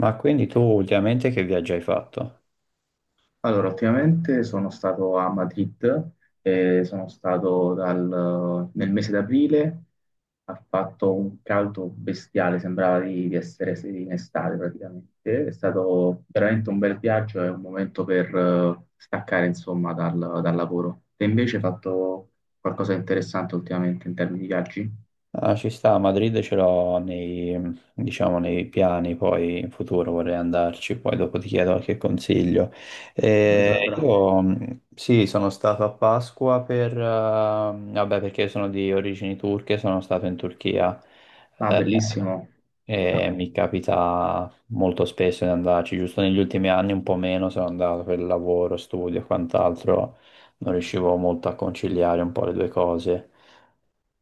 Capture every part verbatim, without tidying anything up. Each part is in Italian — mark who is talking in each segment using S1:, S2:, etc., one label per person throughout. S1: Ma quindi tu ultimamente che viaggio hai fatto?
S2: Allora, ultimamente sono stato a Madrid, eh, sono stato dal- nel mese d'aprile. Ha fatto un caldo bestiale, sembrava di, di essere sì, in estate praticamente. È stato veramente un bel viaggio e un momento per eh, staccare insomma dal, dal lavoro. Te invece hai fatto qualcosa di interessante ultimamente in termini di viaggi?
S1: Ah, ci sta, a Madrid ce l'ho nei, diciamo, nei piani, poi in futuro vorrei andarci, poi dopo ti chiedo qualche consiglio.
S2: Beh,
S1: Eh,
S2: Sandra.
S1: io mh, sì, sono stato a Pasqua per, eh, vabbè, perché sono di origini turche, sono stato in Turchia.
S2: Ah,
S1: eh,
S2: bellissimo.
S1: E mi capita molto spesso di andarci, giusto negli ultimi anni un po' meno sono andato per lavoro, studio e quant'altro, non riuscivo molto a conciliare un po' le due cose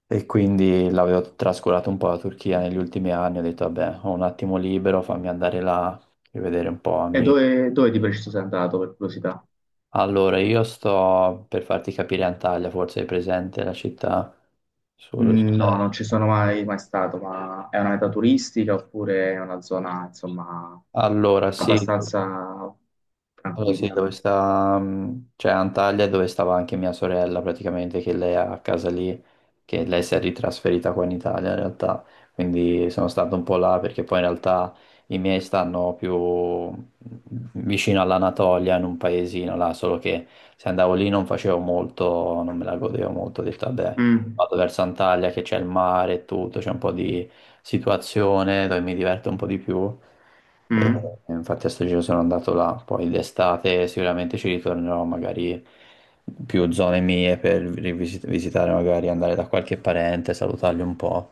S1: e quindi l'avevo trascurato un po' la Turchia negli ultimi anni, ho detto vabbè, ho un attimo libero, fammi andare là e vedere un po'
S2: E
S1: amici.
S2: dove, dove di preciso sei andato per curiosità?
S1: Allora, io sto per farti capire Antalya, forse è presente la città sul...
S2: Mm, No, non ci
S1: sul-
S2: sono mai, mai stato, ma è una meta turistica oppure è una zona, insomma,
S1: Allora, sì,
S2: abbastanza
S1: Allora, sì,
S2: tranquilla.
S1: dove sta, mh, cioè Antalya è dove stava anche mia sorella praticamente, che lei ha a casa lì, che lei si è ritrasferita qua in Italia in realtà, quindi sono stato un po' là perché poi in realtà i miei stanno più mm, vicino all'Anatolia in un paesino là, solo che se andavo lì non facevo molto, non me la godevo molto, ho detto vabbè,
S2: Mm,
S1: vado verso Antalya che c'è il mare e tutto, c'è un po' di situazione dove mi diverto un po' di più. E,
S2: mm.
S1: e infatti a sto giro sono andato là, poi d'estate sicuramente ci ritornerò magari più zone mie per rivisit- visitare, magari andare da qualche parente, salutarli un po',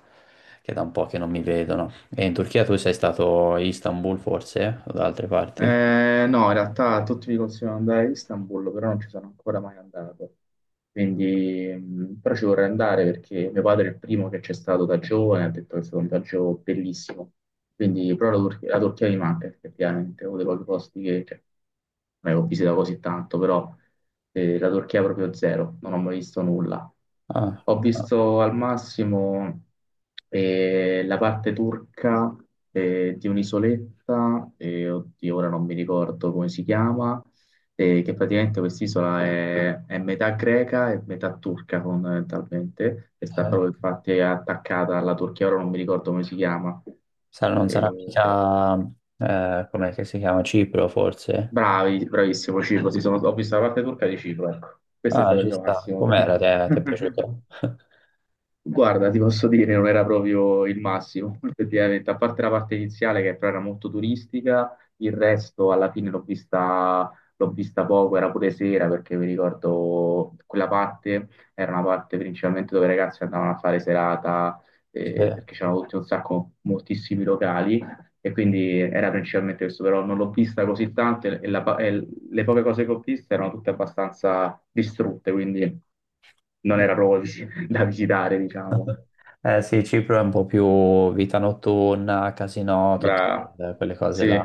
S1: che è da un po' che non mi vedono. E in Turchia tu sei stato a Istanbul forse o da altre parti?
S2: Eh, no, in realtà tutti mi consigliano di andare a Istanbul, però non ci sono ancora mai andato. Quindi, mh, però ci vorrei andare perché mio padre è il primo che c'è stato da giovane, ha detto che è stato un viaggio bellissimo. Quindi, però la, Tur- la Turchia mi manca effettivamente, è uno dei pochi posti che cioè, non è che ho visitato così tanto, però eh, la Turchia è proprio zero, non ho mai visto nulla.
S1: Ah,
S2: Ho
S1: ah,
S2: visto al massimo eh, la parte turca eh, di un'isoletta, eh, oddio, ora non mi ricordo come si chiama, eh, che praticamente quest'isola è, è metà greca e metà turca fondamentalmente, e sta
S1: eh,
S2: proprio infatti attaccata alla Turchia. Ora non mi ricordo come si chiama.
S1: sarà- non
S2: Eh,
S1: sarà mica, eh, com'è che si chiama, Cipro forse?
S2: bravi, bravissimo Cipro, sì, sono- ho visto la parte turca di Cipro, ecco, questo è
S1: Ah,
S2: stato il
S1: ci
S2: mio
S1: sta.
S2: massimo.
S1: Com'era? Ti è, ti è piaciuto?
S2: Guarda, ti posso dire, non era proprio il massimo, effettivamente, a parte la parte iniziale che però era molto turistica. Il resto alla fine l'ho vista, l'ho vista poco, era pure sera perché mi ricordo quella parte era una parte principalmente dove i ragazzi andavano a fare serata,
S1: Sì.
S2: eh, perché c'erano tutti un sacco, moltissimi locali, e quindi era principalmente questo, però non l'ho vista così tanto e, la pa- e le poche cose che ho visto erano tutte abbastanza distrutte, quindi non era proprio da visitare, diciamo.
S1: Eh sì, Cipro è un po' più vita notturna, casino, tutte
S2: Brava.
S1: quelle quelle cose là.
S2: Sì,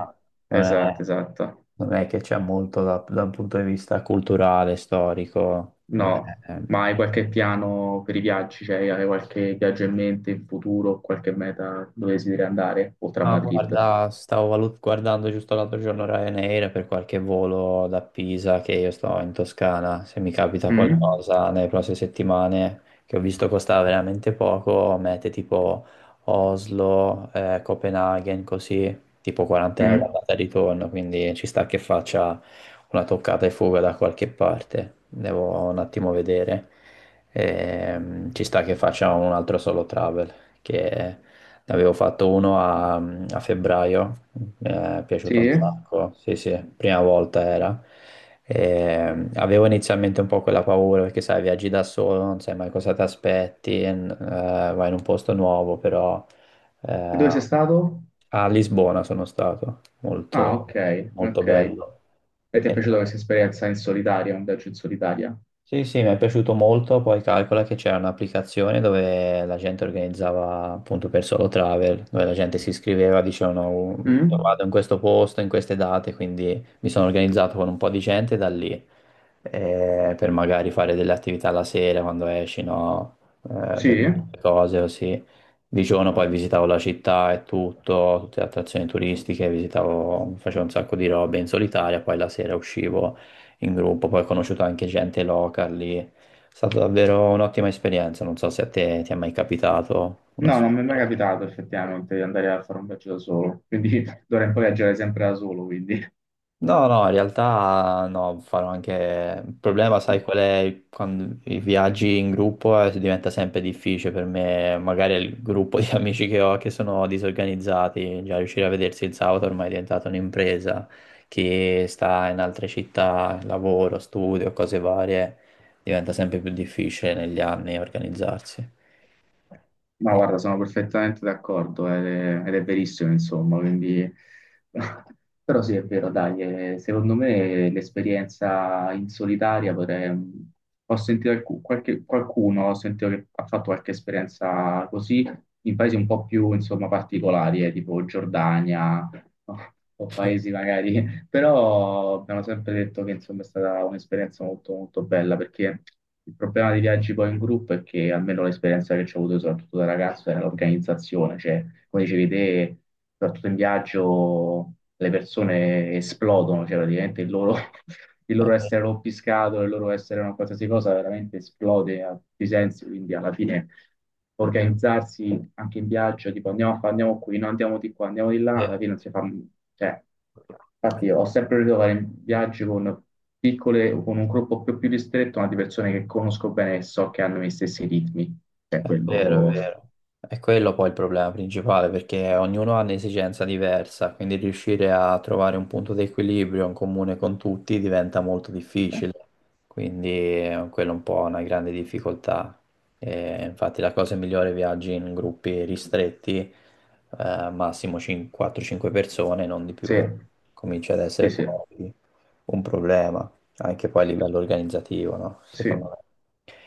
S1: Non è,
S2: esatto, esatto.
S1: non è che c'è molto da- dal punto di vista culturale, storico. Non
S2: No,
S1: è-
S2: ma hai qualche piano per i viaggi? Cioè, hai qualche viaggio in mente in futuro, qualche meta dove desideri andare, oltre a
S1: Ah,
S2: Madrid?
S1: guarda, stavo valut- guardando giusto l'altro giorno Ryanair per qualche volo da Pisa che io sto in Toscana. Se mi capita
S2: Mm?
S1: qualcosa nelle prossime settimane che ho visto costava veramente poco, mete tipo Oslo, eh, Copenaghen, così, tipo quaranta euro
S2: Mm?
S1: andata e ritorno, quindi ci sta che faccia una toccata e fuga da qualche parte. Devo un attimo vedere. Ehm, ci sta che faccia un altro solo travel che ne Avevo fatto uno a, a febbraio, mi è
S2: Sì?
S1: piaciuto un, No.
S2: E
S1: sacco, sì sì, prima volta era. E, avevo inizialmente un po' quella paura perché sai, viaggi da solo, non sai mai cosa ti aspetti, n- eh, vai in un posto nuovo, però
S2: dove
S1: eh,
S2: sei stato?
S1: a Lisbona sono stato,
S2: Ah,
S1: molto,
S2: ok,
S1: molto
S2: ok.
S1: bello.
S2: E ti è
S1: E-
S2: piaciuta questa esperienza in solitaria, un viaggio in solitaria?
S1: sì, sì, mi è piaciuto molto, poi calcola che c'era un'applicazione dove la gente organizzava appunto per solo travel, dove la gente si iscriveva, dicevano "Oh, "Io
S2: Mm?
S1: vado in questo posto, in queste date, quindi mi sono organizzato con un po' di gente da lì, eh, per magari fare delle attività la sera quando esci, no? Eh, per
S2: Sì?
S1: molte cose così. Di giorno poi visitavo la città e tutto, tutte le attrazioni turistiche, visitavo, facevo un sacco di robe in solitaria, poi la sera uscivo in gruppo, poi ho conosciuto anche gente local lì. È stata davvero un'ottima esperienza, non so se a te ti è mai capitato una...
S2: No, non mi è mai
S1: situazione.
S2: capitato effettivamente di andare a fare un viaggio da solo, quindi. D'ora in poi viaggiare sempre da solo, quindi.
S1: No, no, in realtà no, farò anche... Il problema, sai qual è? Quando i viaggi in gruppo eh, diventa sempre difficile per me, magari il gruppo di amici che ho che sono disorganizzati, già riuscire a vedersi il sabato ormai è diventata un'impresa, chi sta in altre città, lavoro, studio, cose varie, diventa sempre più difficile negli anni organizzarsi.
S2: Ma
S1: Eh,
S2: guarda, sono perfettamente d'accordo ed è, ed è verissimo, insomma, quindi. Però sì, è vero, dai, eh, secondo me l'esperienza in solitaria potrei... mm, Ho sentito alcu- qualche- qualcuno, ho sentito che ha fatto qualche esperienza così in paesi un po' più, insomma, particolari, eh, tipo Giordania. O o paesi magari. Però abbiamo sempre detto che insomma è stata un'esperienza molto molto bella perché il problema dei viaggi poi in gruppo è che almeno l'esperienza che ci ho avuto soprattutto da ragazzo era l'organizzazione, cioè come dicevi te. Soprattutto in viaggio le persone esplodono, cioè praticamente il loro, il loro essere rompiscatole, il loro essere una qualsiasi cosa veramente esplode a tutti i sensi, quindi alla fine organizzarsi anche in viaggio, tipo andiamo a fa- andiamo qui, no, andiamo di qua, andiamo di là, alla
S1: eh,
S2: fine non si fa, cioè. Infatti
S1: eh.
S2: ho sempre voluto fare viaggi con piccole, con un gruppo più, più ristretto, ma di persone che conosco bene e so che hanno gli stessi ritmi. Cioè,
S1: È vero, è
S2: quello.
S1: vero. È quello poi il problema principale, perché ognuno ha un'esigenza diversa, quindi riuscire a trovare un punto di equilibrio in comune con tutti diventa molto difficile. Quindi eh, quello è un po' una grande difficoltà. E infatti la cosa migliore è viaggi in gruppi ristretti, eh, massimo cinque quattro cinque persone, non di
S2: Sì,
S1: più. Comincia ad essere
S2: sì, sì,
S1: poi un problema, anche poi a livello organizzativo, no?
S2: sì.
S1: Secondo me.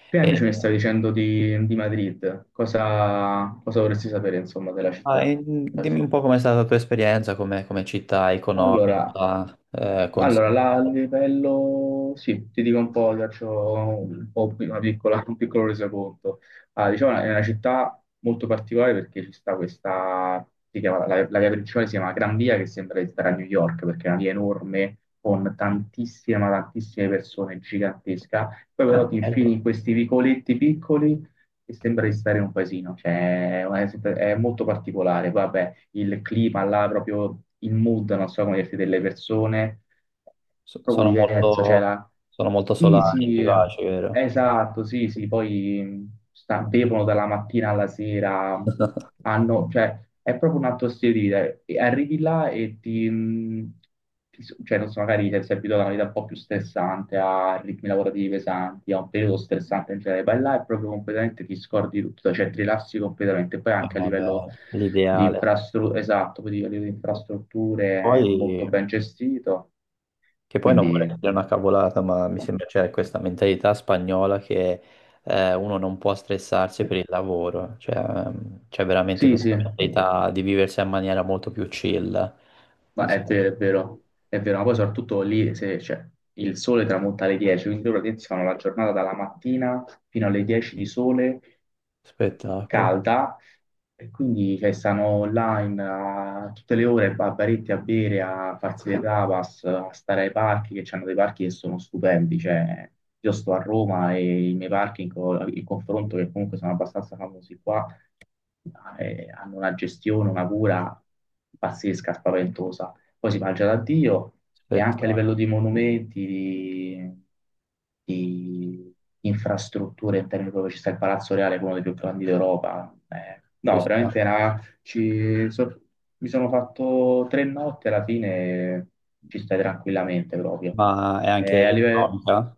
S2: Prima
S1: E-
S2: invece mi stavi dicendo di, di Madrid. Cosa, cosa vorresti sapere, insomma, della
S1: Ah,
S2: città?
S1: e mm, dimmi un po' com'è stata la tua esperienza come, come città
S2: Allora,
S1: economica, eh,
S2: allora, la- il
S1: consigliata.
S2: livello, sì, ti dico un po', ti faccio un po' una piccola- un piccolo resoconto. Ah, diciamo, è una città molto particolare perché ci sta questa, si chiama- la, la via principale si chiama Gran Via, che sembra di stare a New York, perché è una via enorme, con tantissime, ma tantissime persone, gigantesca. Poi
S1: Eh,
S2: però ti infili
S1: ecco,
S2: in questi vicoletti piccoli e sembra di stare in un paesino, cioè è, è molto particolare. Vabbè, il clima là, proprio il mood, non so come dirti, delle persone
S1: so-
S2: proprio
S1: sono
S2: diverso, cioè
S1: molto,
S2: la.
S1: sono molto
S2: Sì,
S1: solare,
S2: sì,
S1: vivace, vero?
S2: esatto, sì, sì, poi mh, sta- bevono dalla mattina alla sera, hanno, cioè, è proprio un altro stile di vita. E arrivi là e ti, mh, ti s- cioè, non so, magari ti sei abituato a una vita un po' più stressante, a ritmi lavorativi pesanti, a un periodo stressante in generale, vai là e proprio completamente ti scordi di tutto, cioè ti rilassi completamente. Poi
S1: Eh,
S2: anche a livello
S1: Vabbè,
S2: di
S1: l'ideale.
S2: infrastrutture, esatto, poi a livello di infrastrutture
S1: Poi,
S2: è molto ben gestito.
S1: che poi non
S2: Quindi
S1: vorrei dire una cavolata, ma mi sembra c'è questa mentalità spagnola che eh, uno non può stressarsi per il lavoro, cioè ehm, c'è veramente
S2: sì, sì.
S1: questa mentalità di viversi in maniera molto più chill.
S2: Ma
S1: Non so.
S2: è vero, è vero, è vero, ma poi soprattutto lì se, cioè, il sole tramonta alle dieci, quindi loro praticamente si fanno la giornata dalla mattina fino alle dieci di sole
S1: Spettacolo,
S2: calda, e quindi cioè, stanno là in, a tutte le ore, a baretti a bere, a farsi le tapas, a stare ai parchi, che c'hanno dei parchi che sono stupendi, cioè io sto a Roma e i miei parchi in, co- in confronto, che comunque sono abbastanza famosi qua, eh, hanno una gestione, una cura pazzesca, spaventosa. Poi si mangia da Dio, e anche a livello
S1: spettacolo.
S2: di monumenti, di, di infrastrutture in termini proprio ci sta il Palazzo Reale, che è uno dei più grandi d'Europa. Eh,
S1: Ci
S2: no,
S1: sta.
S2: veramente era, ci- so- mi sono fatto tre notti alla fine, ci stai tranquillamente proprio.
S1: Ma è anche
S2: Eh, a livello,
S1: economica,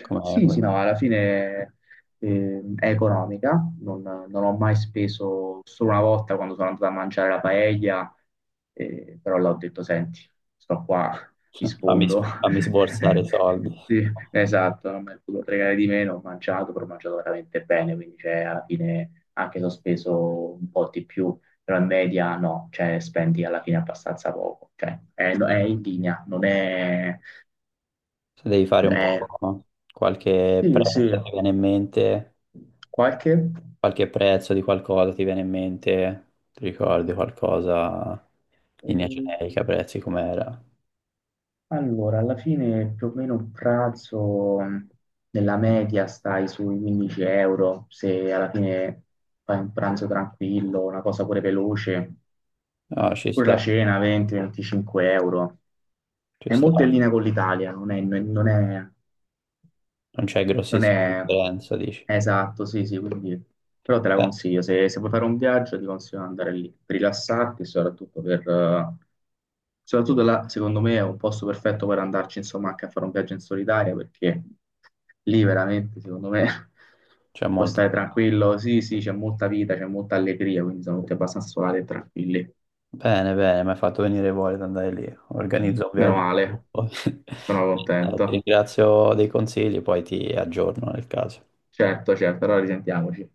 S1: come,
S2: sì,
S1: come-
S2: sì, no, alla fine eh, è economica, non, non ho mai speso, solo una volta quando sono andato a mangiare la paella, eh, però l'ho detto, senti, sto qua, mi
S1: fammi,
S2: sfondo.
S1: s- fammi sborsare i soldi.
S2: Sì, esatto, non mi è potuto fregare di meno, ho mangiato, però ho mangiato veramente bene, quindi cioè, alla fine anche se ho speso un po' di più, però in media no, cioè spendi alla fine abbastanza poco, cioè è, è in linea, non è.
S1: Se devi fare un
S2: è-
S1: po' qualche
S2: Sì, sì.
S1: prezzo, ti viene in mente,
S2: Qualche?
S1: qualche prezzo di qualcosa ti viene in mente, ti ricordi qualcosa, linea
S2: Eh,
S1: generica, prezzi com'era?
S2: allora, alla fine più o meno un pranzo mh, nella media stai sui quindici euro, se alla fine fai un pranzo tranquillo, una cosa pure veloce,
S1: No, ci
S2: pure la
S1: sta,
S2: cena venti-venticinque euro.
S1: ci
S2: È
S1: sta,
S2: molto in linea con l'Italia. non è, non è
S1: non c'è
S2: Non
S1: grossissima
S2: è
S1: differenza, dici?
S2: esatto, sì, sì, quindi però te la
S1: Eh,
S2: consiglio, se, se vuoi fare un viaggio ti consiglio di andare lì, per rilassarti, e soprattutto per. eh, Soprattutto là, secondo me, è un posto perfetto per andarci, insomma, anche a fare un viaggio in solitaria, perché lì veramente, secondo me,
S1: c'è
S2: puoi
S1: molta.
S2: stare tranquillo. Sì, sì, c'è molta vita, c'è molta allegria, quindi sono tutti abbastanza solari e tranquilli.
S1: Bene, bene, mi hai fatto venire voglia di andare lì. Organizzo un
S2: Meno
S1: viaggio.
S2: male,
S1: Poi-
S2: sono
S1: no, Ti
S2: contento.
S1: ringrazio dei consigli, poi ti aggiorno nel caso.
S2: Certo, certo, allora risentiamoci.